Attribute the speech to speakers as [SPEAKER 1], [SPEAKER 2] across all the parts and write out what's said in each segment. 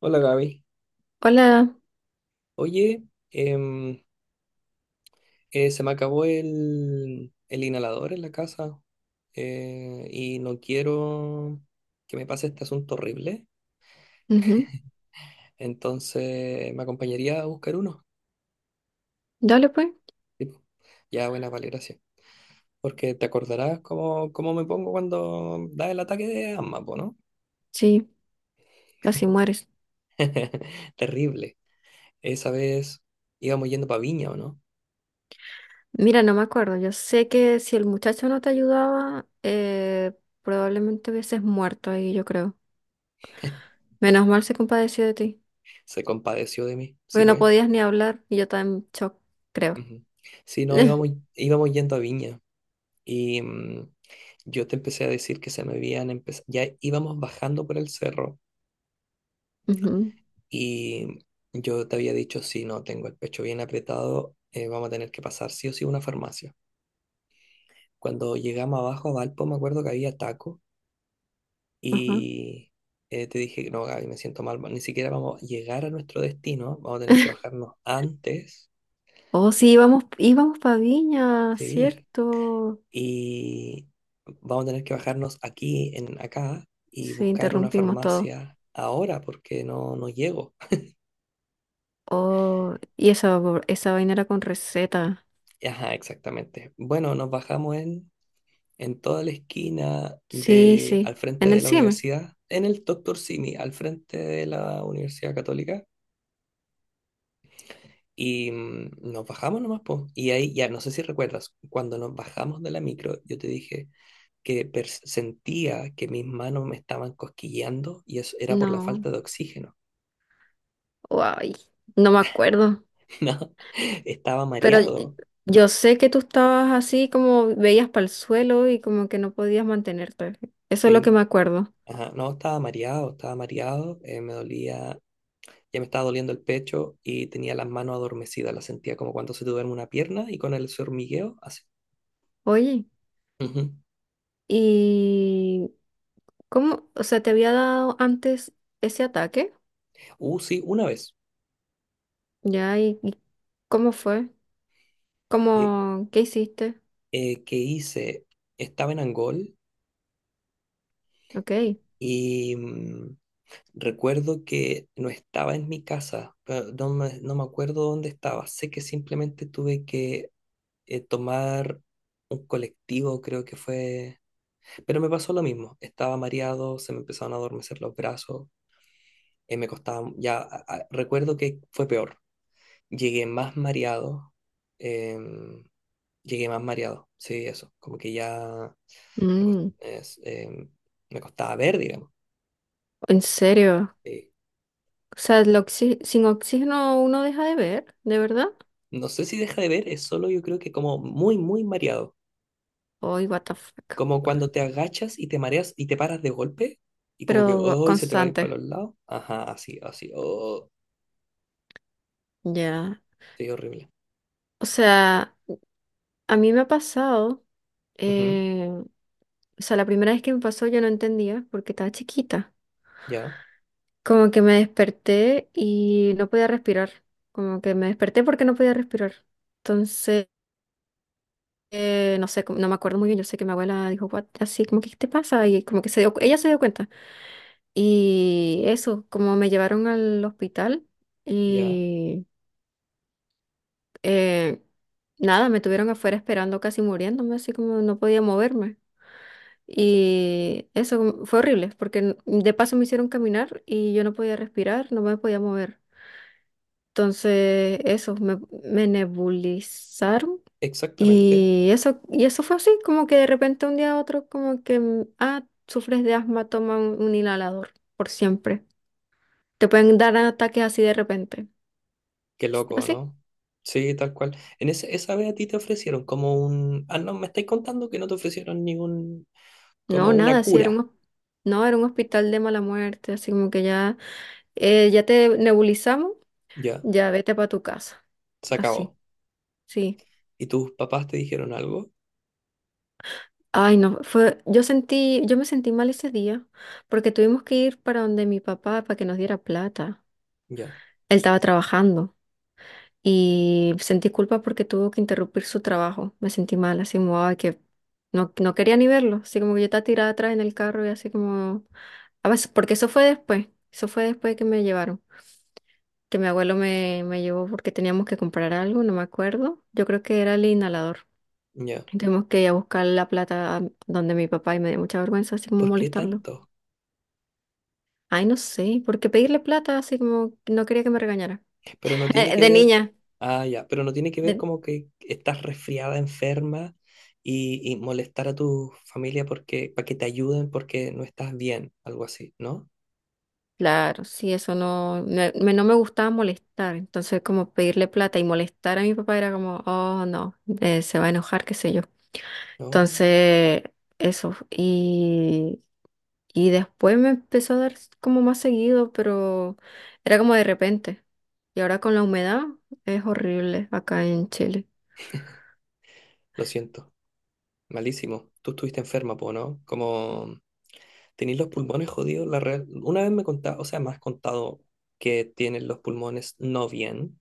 [SPEAKER 1] Hola, Gaby.
[SPEAKER 2] Hola,
[SPEAKER 1] Oye, em, se me acabó el inhalador en la casa, y no quiero que me pase este asunto horrible.
[SPEAKER 2] ujú.
[SPEAKER 1] Entonces, ¿me acompañaría a buscar uno?
[SPEAKER 2] Dale pues,
[SPEAKER 1] Tipo, ya, buena, vale, gracias. Porque te acordarás cómo me pongo cuando da el ataque de asma, po, ¿no?
[SPEAKER 2] sí, así mueres.
[SPEAKER 1] Terrible. Esa vez íbamos yendo para Viña, ¿o no?
[SPEAKER 2] Mira, no me acuerdo, yo sé que si el muchacho no te ayudaba, probablemente hubieses muerto ahí, yo creo. Menos mal se compadeció de ti,
[SPEAKER 1] Se compadeció de mí, sí,
[SPEAKER 2] porque no
[SPEAKER 1] pues.
[SPEAKER 2] podías ni hablar y yo estaba en shock, creo.
[SPEAKER 1] Ujú. Sí, no, íbamos yendo a Viña. Y yo te empecé a decir que se me habían empezado, ya íbamos bajando por el cerro
[SPEAKER 2] Ujú,
[SPEAKER 1] y yo te había dicho, si no tengo el pecho bien apretado, vamos a tener que pasar sí o sí a una farmacia. Cuando llegamos abajo a Valpo, me acuerdo que había taco
[SPEAKER 2] ajá.
[SPEAKER 1] y te dije, no, Gaby, me siento mal, ni siquiera vamos a llegar a nuestro destino, vamos a tener que bajarnos antes.
[SPEAKER 2] Oh, sí, íbamos para Viña,
[SPEAKER 1] Sí.
[SPEAKER 2] ¿cierto?
[SPEAKER 1] Y vamos a tener que bajarnos aquí, en acá, y
[SPEAKER 2] Sí,
[SPEAKER 1] buscar una
[SPEAKER 2] interrumpimos todo.
[SPEAKER 1] farmacia ahora porque no llego.
[SPEAKER 2] Oh, y esa vaina era con receta.
[SPEAKER 1] Ajá, exactamente. Bueno, nos bajamos en toda la esquina
[SPEAKER 2] Sí,
[SPEAKER 1] de, al
[SPEAKER 2] sí,
[SPEAKER 1] frente
[SPEAKER 2] en el
[SPEAKER 1] de la
[SPEAKER 2] CIME.
[SPEAKER 1] universidad, en el Doctor Simi, al frente de la Universidad Católica. Y nos bajamos nomás, po. Y ahí ya, no sé si recuerdas, cuando nos bajamos de la micro, yo te dije que sentía que mis manos me estaban cosquilleando y eso era por la
[SPEAKER 2] No.
[SPEAKER 1] falta de oxígeno.
[SPEAKER 2] Ay, no me acuerdo,
[SPEAKER 1] No, estaba
[SPEAKER 2] pero
[SPEAKER 1] mareado.
[SPEAKER 2] yo sé que tú estabas así como veías para el suelo y como que no podías mantenerte. Eso es lo que
[SPEAKER 1] Sí,
[SPEAKER 2] me acuerdo.
[SPEAKER 1] ajá, no, estaba mareado, estaba mareado. Me dolía, ya me estaba doliendo el pecho y tenía las manos adormecidas. Las sentía como cuando se te duerme una pierna y con el ese hormigueo, así.
[SPEAKER 2] Oye,
[SPEAKER 1] Ujú.
[SPEAKER 2] ¿y cómo, o sea, te había dado antes ese ataque?
[SPEAKER 1] Sí, una vez
[SPEAKER 2] ¿Ya? ¿Y cómo fue?
[SPEAKER 1] eh,
[SPEAKER 2] ¿Cómo, qué hiciste?
[SPEAKER 1] que hice, estaba en Angol
[SPEAKER 2] Ok.
[SPEAKER 1] y recuerdo que no estaba en mi casa, pero no me acuerdo dónde estaba. Sé que simplemente tuve que tomar un colectivo, creo que fue. Pero me pasó lo mismo, estaba mareado, se me empezaron a adormecer los brazos, me costaba, ya recuerdo que fue peor, llegué más mareado, em, llegué más mareado, sí, eso, como que ya me, cos-
[SPEAKER 2] Mm,
[SPEAKER 1] es, em, me costaba ver, digamos.
[SPEAKER 2] ¿en serio?
[SPEAKER 1] eh,
[SPEAKER 2] O sea, sin oxígeno uno deja de ver, ¿de verdad?
[SPEAKER 1] no sé si deja de ver, es solo yo creo que como muy, muy mareado,
[SPEAKER 2] Ay, what the fuck.
[SPEAKER 1] como cuando te agachas y te mareas y te paras de golpe y como que,
[SPEAKER 2] Pero
[SPEAKER 1] oh, se te va a ir
[SPEAKER 2] constante.
[SPEAKER 1] para los lados, ajá, así, así, oh,
[SPEAKER 2] Ya.
[SPEAKER 1] sí, horrible.
[SPEAKER 2] O sea, a mí me ha pasado,
[SPEAKER 1] Ujú,
[SPEAKER 2] eh, o sea, la primera vez que me pasó yo no entendía porque estaba chiquita.
[SPEAKER 1] ya,
[SPEAKER 2] Como que me desperté y no podía respirar. Como que me desperté porque no podía respirar. Entonces, no sé, no me acuerdo muy bien. Yo sé que mi abuela dijo, "What?", así como que, ¿qué te pasa? Y como que se dio, ella se dio cuenta. Y eso, como me llevaron al hospital
[SPEAKER 1] ya.
[SPEAKER 2] y eh, nada, me tuvieron afuera esperando casi muriéndome, así como no podía moverme. Y eso fue horrible, porque de paso me hicieron caminar y yo no podía respirar, no me podía mover. Entonces, eso, me nebulizaron.
[SPEAKER 1] Exactamente.
[SPEAKER 2] Y eso fue así, como que de repente un día a otro, como que, mm, ah, sufres de asma, toma un inhalador por siempre. Te pueden dar ataques así de repente.
[SPEAKER 1] Qué loco,
[SPEAKER 2] Así.
[SPEAKER 1] ¿no? Sí, tal cual. En esa vez a ti te ofrecieron como un... Ah, no, me estáis contando que no te ofrecieron ningún...
[SPEAKER 2] No,
[SPEAKER 1] como una
[SPEAKER 2] nada, así era
[SPEAKER 1] cura.
[SPEAKER 2] no, era un hospital de mala muerte, así como que ya, ya te nebulizamos,
[SPEAKER 1] Ya,
[SPEAKER 2] ya vete para tu casa.
[SPEAKER 1] se
[SPEAKER 2] Así,
[SPEAKER 1] acabó.
[SPEAKER 2] sí.
[SPEAKER 1] ¿Y tus papás te dijeron algo?
[SPEAKER 2] Ay, no, fue, yo sentí, yo me sentí mal ese día porque tuvimos que ir para donde mi papá para que nos diera plata.
[SPEAKER 1] Ya,
[SPEAKER 2] Él estaba trabajando y sentí culpa porque tuvo que interrumpir su trabajo. Me sentí mal, así como, ay, que no quería ni verlo, así como que yo estaba tirada atrás en el carro y así como, a veces, porque eso fue después que me llevaron, que mi abuelo me llevó porque teníamos que comprar algo, no me acuerdo, yo creo que era el inhalador.
[SPEAKER 1] ya.
[SPEAKER 2] Y tuvimos que ir a buscar la plata a donde mi papá y me dio mucha vergüenza así como
[SPEAKER 1] ¿Por qué
[SPEAKER 2] molestarlo.
[SPEAKER 1] tanto?
[SPEAKER 2] Ay, no sé, porque pedirle plata así como que no quería que me regañara.
[SPEAKER 1] Pero no tiene que
[SPEAKER 2] De
[SPEAKER 1] ver...
[SPEAKER 2] niña.
[SPEAKER 1] Ah, ya, pero no tiene que ver
[SPEAKER 2] de-
[SPEAKER 1] como que estás resfriada, enferma y molestar a tu familia porque, para que te ayuden porque no estás bien, algo así, ¿no?
[SPEAKER 2] Claro, sí, eso no, no me gustaba molestar. Entonces, como pedirle plata y molestar a mi papá era como, oh, no, se va a enojar, qué sé yo.
[SPEAKER 1] No,
[SPEAKER 2] Entonces, eso. Y después me empezó a dar como más seguido, pero era como de repente. Y ahora con la humedad es horrible acá en Chile.
[SPEAKER 1] lo siento. Malísimo. Tú estuviste enferma, po, ¿no? Como tenéis los pulmones jodidos, la real... Una vez me contaste, o sea, me has contado que tienes los pulmones no bien,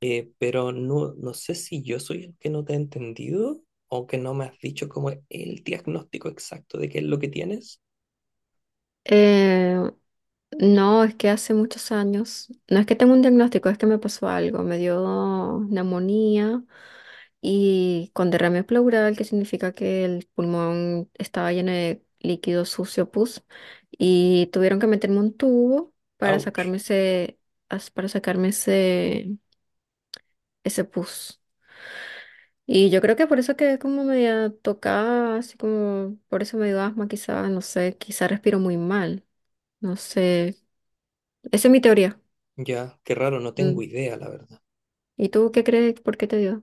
[SPEAKER 1] pero no, no sé si yo soy el que no te he entendido o que no me has dicho como el diagnóstico exacto de qué es lo que tienes.
[SPEAKER 2] Eh, no, es que hace muchos años, no es que tengo un diagnóstico, es que me pasó algo, me dio neumonía y con derrame pleural, que significa que el pulmón estaba lleno de líquido sucio, pus, y tuvieron que meterme un tubo para
[SPEAKER 1] Ouch.
[SPEAKER 2] sacarme para sacarme ese pus. Y yo creo que por eso quedé como media tocada, así como, por eso me dio asma, quizá, no sé, quizá respiro muy mal, no sé, esa es mi teoría.
[SPEAKER 1] Ya, qué raro, no
[SPEAKER 2] Mm.
[SPEAKER 1] tengo idea, la verdad.
[SPEAKER 2] ¿Y tú qué crees? ¿Por qué te dio?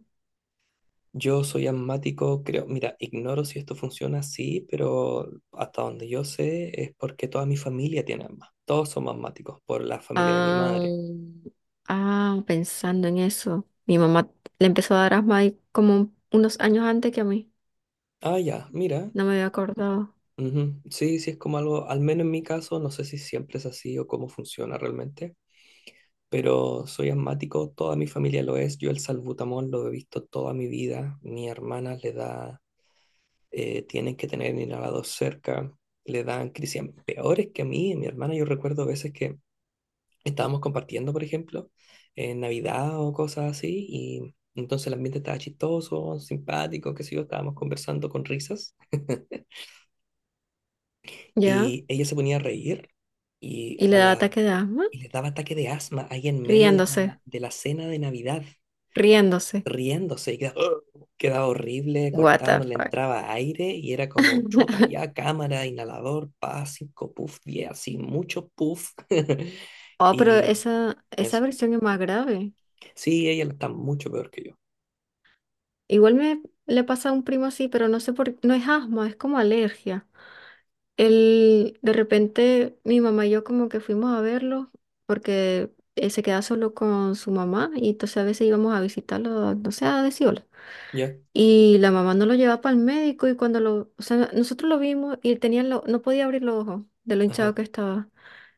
[SPEAKER 1] Yo soy asmático, creo, mira, ignoro si esto funciona así, pero hasta donde yo sé es porque toda mi familia tiene asma. Todos somos asmáticos por la familia de mi
[SPEAKER 2] Ah,
[SPEAKER 1] madre.
[SPEAKER 2] ah, pensando en eso. Mi mamá le empezó a dar asma ahí como unos años antes que a mí.
[SPEAKER 1] Ah, ya, mira.
[SPEAKER 2] No me había acordado.
[SPEAKER 1] Ujú, sí, sí, es como algo, al menos en mi caso, no sé si siempre es así o cómo funciona realmente, pero soy asmático, toda mi familia lo es. Yo el salbutamol lo he visto toda mi vida. Mi hermana le da, tienen que tener inhalador cerca, le dan crisis peores que a mí. Mi hermana, yo recuerdo veces que estábamos compartiendo, por ejemplo, en Navidad o cosas así, y entonces el ambiente estaba chistoso, simpático, qué sé yo, estábamos conversando con risas,
[SPEAKER 2] ¿Ya?
[SPEAKER 1] y ella se ponía a reír y,
[SPEAKER 2] Y
[SPEAKER 1] a
[SPEAKER 2] le da
[SPEAKER 1] la,
[SPEAKER 2] ataque de asma.
[SPEAKER 1] y le daba ataque de asma ahí en medio de
[SPEAKER 2] Riéndose,
[SPEAKER 1] de la cena de Navidad,
[SPEAKER 2] riéndose.
[SPEAKER 1] riéndose, y quedaba, "Ugh", quedaba horrible,
[SPEAKER 2] What
[SPEAKER 1] cortado,
[SPEAKER 2] the
[SPEAKER 1] no le
[SPEAKER 2] fuck.
[SPEAKER 1] entraba aire, y era como chuta, ya, cámara, inhalador, pa, cinco, puff, diez, así, mucho puff.
[SPEAKER 2] Oh, pero
[SPEAKER 1] Y
[SPEAKER 2] esa
[SPEAKER 1] eso.
[SPEAKER 2] versión es más grave.
[SPEAKER 1] Sí, ella está mucho peor que yo.
[SPEAKER 2] Igual me le pasa a un primo así, pero no sé por qué. No es asma, es como alergia. De repente mi mamá y yo como que fuimos a verlo porque se queda solo con su mamá y entonces a veces íbamos a visitarlo, no sé, a decir hola.
[SPEAKER 1] ¿Ya?
[SPEAKER 2] Y la mamá no lo llevaba para el médico y o sea, nosotros lo vimos y él tenía no podía abrir los ojos de lo hinchado
[SPEAKER 1] Ajá,
[SPEAKER 2] que estaba.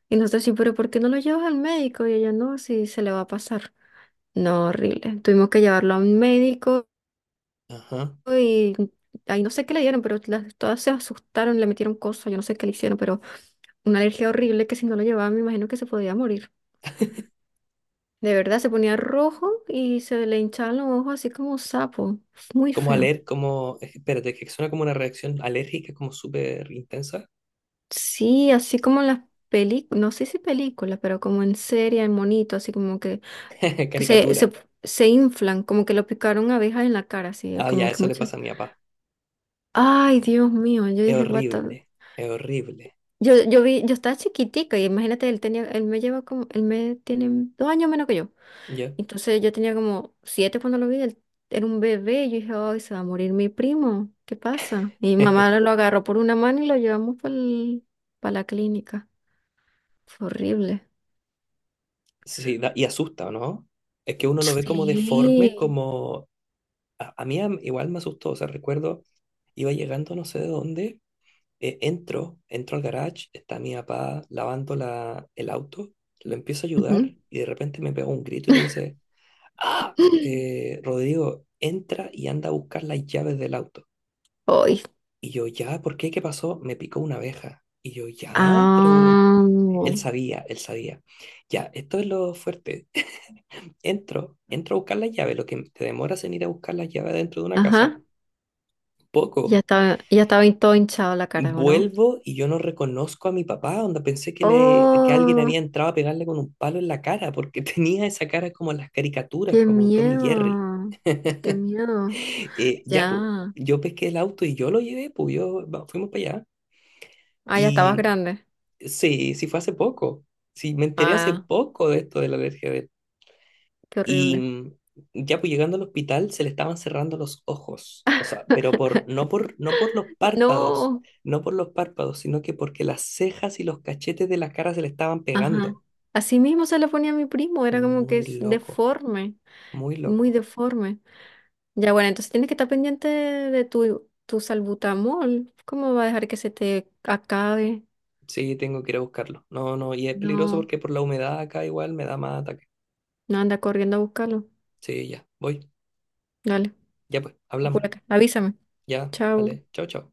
[SPEAKER 2] Y nosotros decimos, pero ¿por qué no lo llevas al médico? Y ella no, si se le va a pasar. No, horrible. Tuvimos que llevarlo a un médico
[SPEAKER 1] ajá.
[SPEAKER 2] y ahí no sé qué le dieron, pero las, todas se asustaron, le metieron cosas, yo no sé qué le hicieron, pero una alergia horrible que si no lo llevaba me imagino que se podía morir. De verdad, se ponía rojo y se le hinchaban los ojos así como un sapo. Muy
[SPEAKER 1] Como
[SPEAKER 2] feo.
[SPEAKER 1] espérate, que suena como una reacción alérgica, como súper intensa.
[SPEAKER 2] Sí, así como en las películas, no sé si películas, pero como en serie, en monito, así como que, que se,
[SPEAKER 1] Caricatura.
[SPEAKER 2] se, se inflan, como que lo picaron abejas en la cara, así,
[SPEAKER 1] Ah, ya,
[SPEAKER 2] como que
[SPEAKER 1] eso le
[SPEAKER 2] muchas.
[SPEAKER 1] pasa a mi papá.
[SPEAKER 2] Ay, Dios mío, yo
[SPEAKER 1] Es
[SPEAKER 2] dije, what the-
[SPEAKER 1] horrible, es horrible.
[SPEAKER 2] Yo vi, yo estaba chiquitica y imagínate, él me lleva como, él me tiene dos años menos que yo.
[SPEAKER 1] ¿Ya?
[SPEAKER 2] Entonces yo tenía como siete cuando lo vi, él era un bebé y yo dije, ay, se va a morir mi primo, ¿qué pasa? Y mi mamá lo agarró por una mano y lo llevamos para la clínica. Fue horrible.
[SPEAKER 1] Sí, y asusta, ¿no? Es que uno lo ve como
[SPEAKER 2] Sí.
[SPEAKER 1] deforme, como... A mí igual me asustó, o sea, recuerdo, iba llegando no sé de dónde, entro al garage, está mi papá lavando el auto, lo empiezo a
[SPEAKER 2] Ujú.
[SPEAKER 1] ayudar y de repente me pega un grito y me dice... ¡Ah! Rodrigo, entra y anda a buscar las llaves del auto.
[SPEAKER 2] Hoy.
[SPEAKER 1] Y yo, ya, ¿por qué? ¿Qué pasó? Me picó una abeja. Y yo, ya, pero
[SPEAKER 2] Ah,
[SPEAKER 1] él sabía, él sabía. Ya, esto es lo fuerte. Entro a buscar las llaves, lo que te demoras en ir a buscar las llaves dentro de una casa.
[SPEAKER 2] ajá.
[SPEAKER 1] Poco.
[SPEAKER 2] Ya estaba todo hinchado la cara, ¿o no?
[SPEAKER 1] Vuelvo y yo no reconozco a mi papá, onda pensé que, le, que alguien
[SPEAKER 2] Oh,
[SPEAKER 1] había entrado a pegarle con un palo en la cara, porque tenía esa cara como en las caricaturas,
[SPEAKER 2] qué
[SPEAKER 1] como Tommy Jerry.
[SPEAKER 2] miedo, qué miedo.
[SPEAKER 1] Ya, pues,
[SPEAKER 2] Ya.
[SPEAKER 1] yo pesqué el auto y yo lo llevé, pues, fuimos para allá.
[SPEAKER 2] Ah, ya estabas
[SPEAKER 1] Y
[SPEAKER 2] grande.
[SPEAKER 1] sí, sí fue hace poco. Sí, me enteré hace
[SPEAKER 2] Ah,
[SPEAKER 1] poco de esto de la alergia de él.
[SPEAKER 2] qué
[SPEAKER 1] Y
[SPEAKER 2] horrible.
[SPEAKER 1] ya, pues, llegando al hospital se le estaban cerrando los ojos. O sea, pero por, no por los párpados,
[SPEAKER 2] No.
[SPEAKER 1] no por los párpados, sino que porque las cejas y los cachetes de la cara se le estaban
[SPEAKER 2] Ajá.
[SPEAKER 1] pegando.
[SPEAKER 2] Así mismo se lo ponía a mi primo, era como que
[SPEAKER 1] Muy
[SPEAKER 2] es
[SPEAKER 1] loco,
[SPEAKER 2] deforme,
[SPEAKER 1] muy
[SPEAKER 2] muy
[SPEAKER 1] loco.
[SPEAKER 2] deforme. Ya, bueno, entonces tienes que estar pendiente de tu salbutamol. ¿Cómo va a dejar que se te acabe?
[SPEAKER 1] Sí, tengo que ir a buscarlo. No, no, y es peligroso
[SPEAKER 2] No,
[SPEAKER 1] porque por la humedad acá igual me da más ataque.
[SPEAKER 2] no anda corriendo a buscarlo.
[SPEAKER 1] Sí, ya, voy.
[SPEAKER 2] Dale,
[SPEAKER 1] Ya pues, hablamos.
[SPEAKER 2] apúrate. Avísame.
[SPEAKER 1] Ya,
[SPEAKER 2] Chao.
[SPEAKER 1] vale. Chao, chao.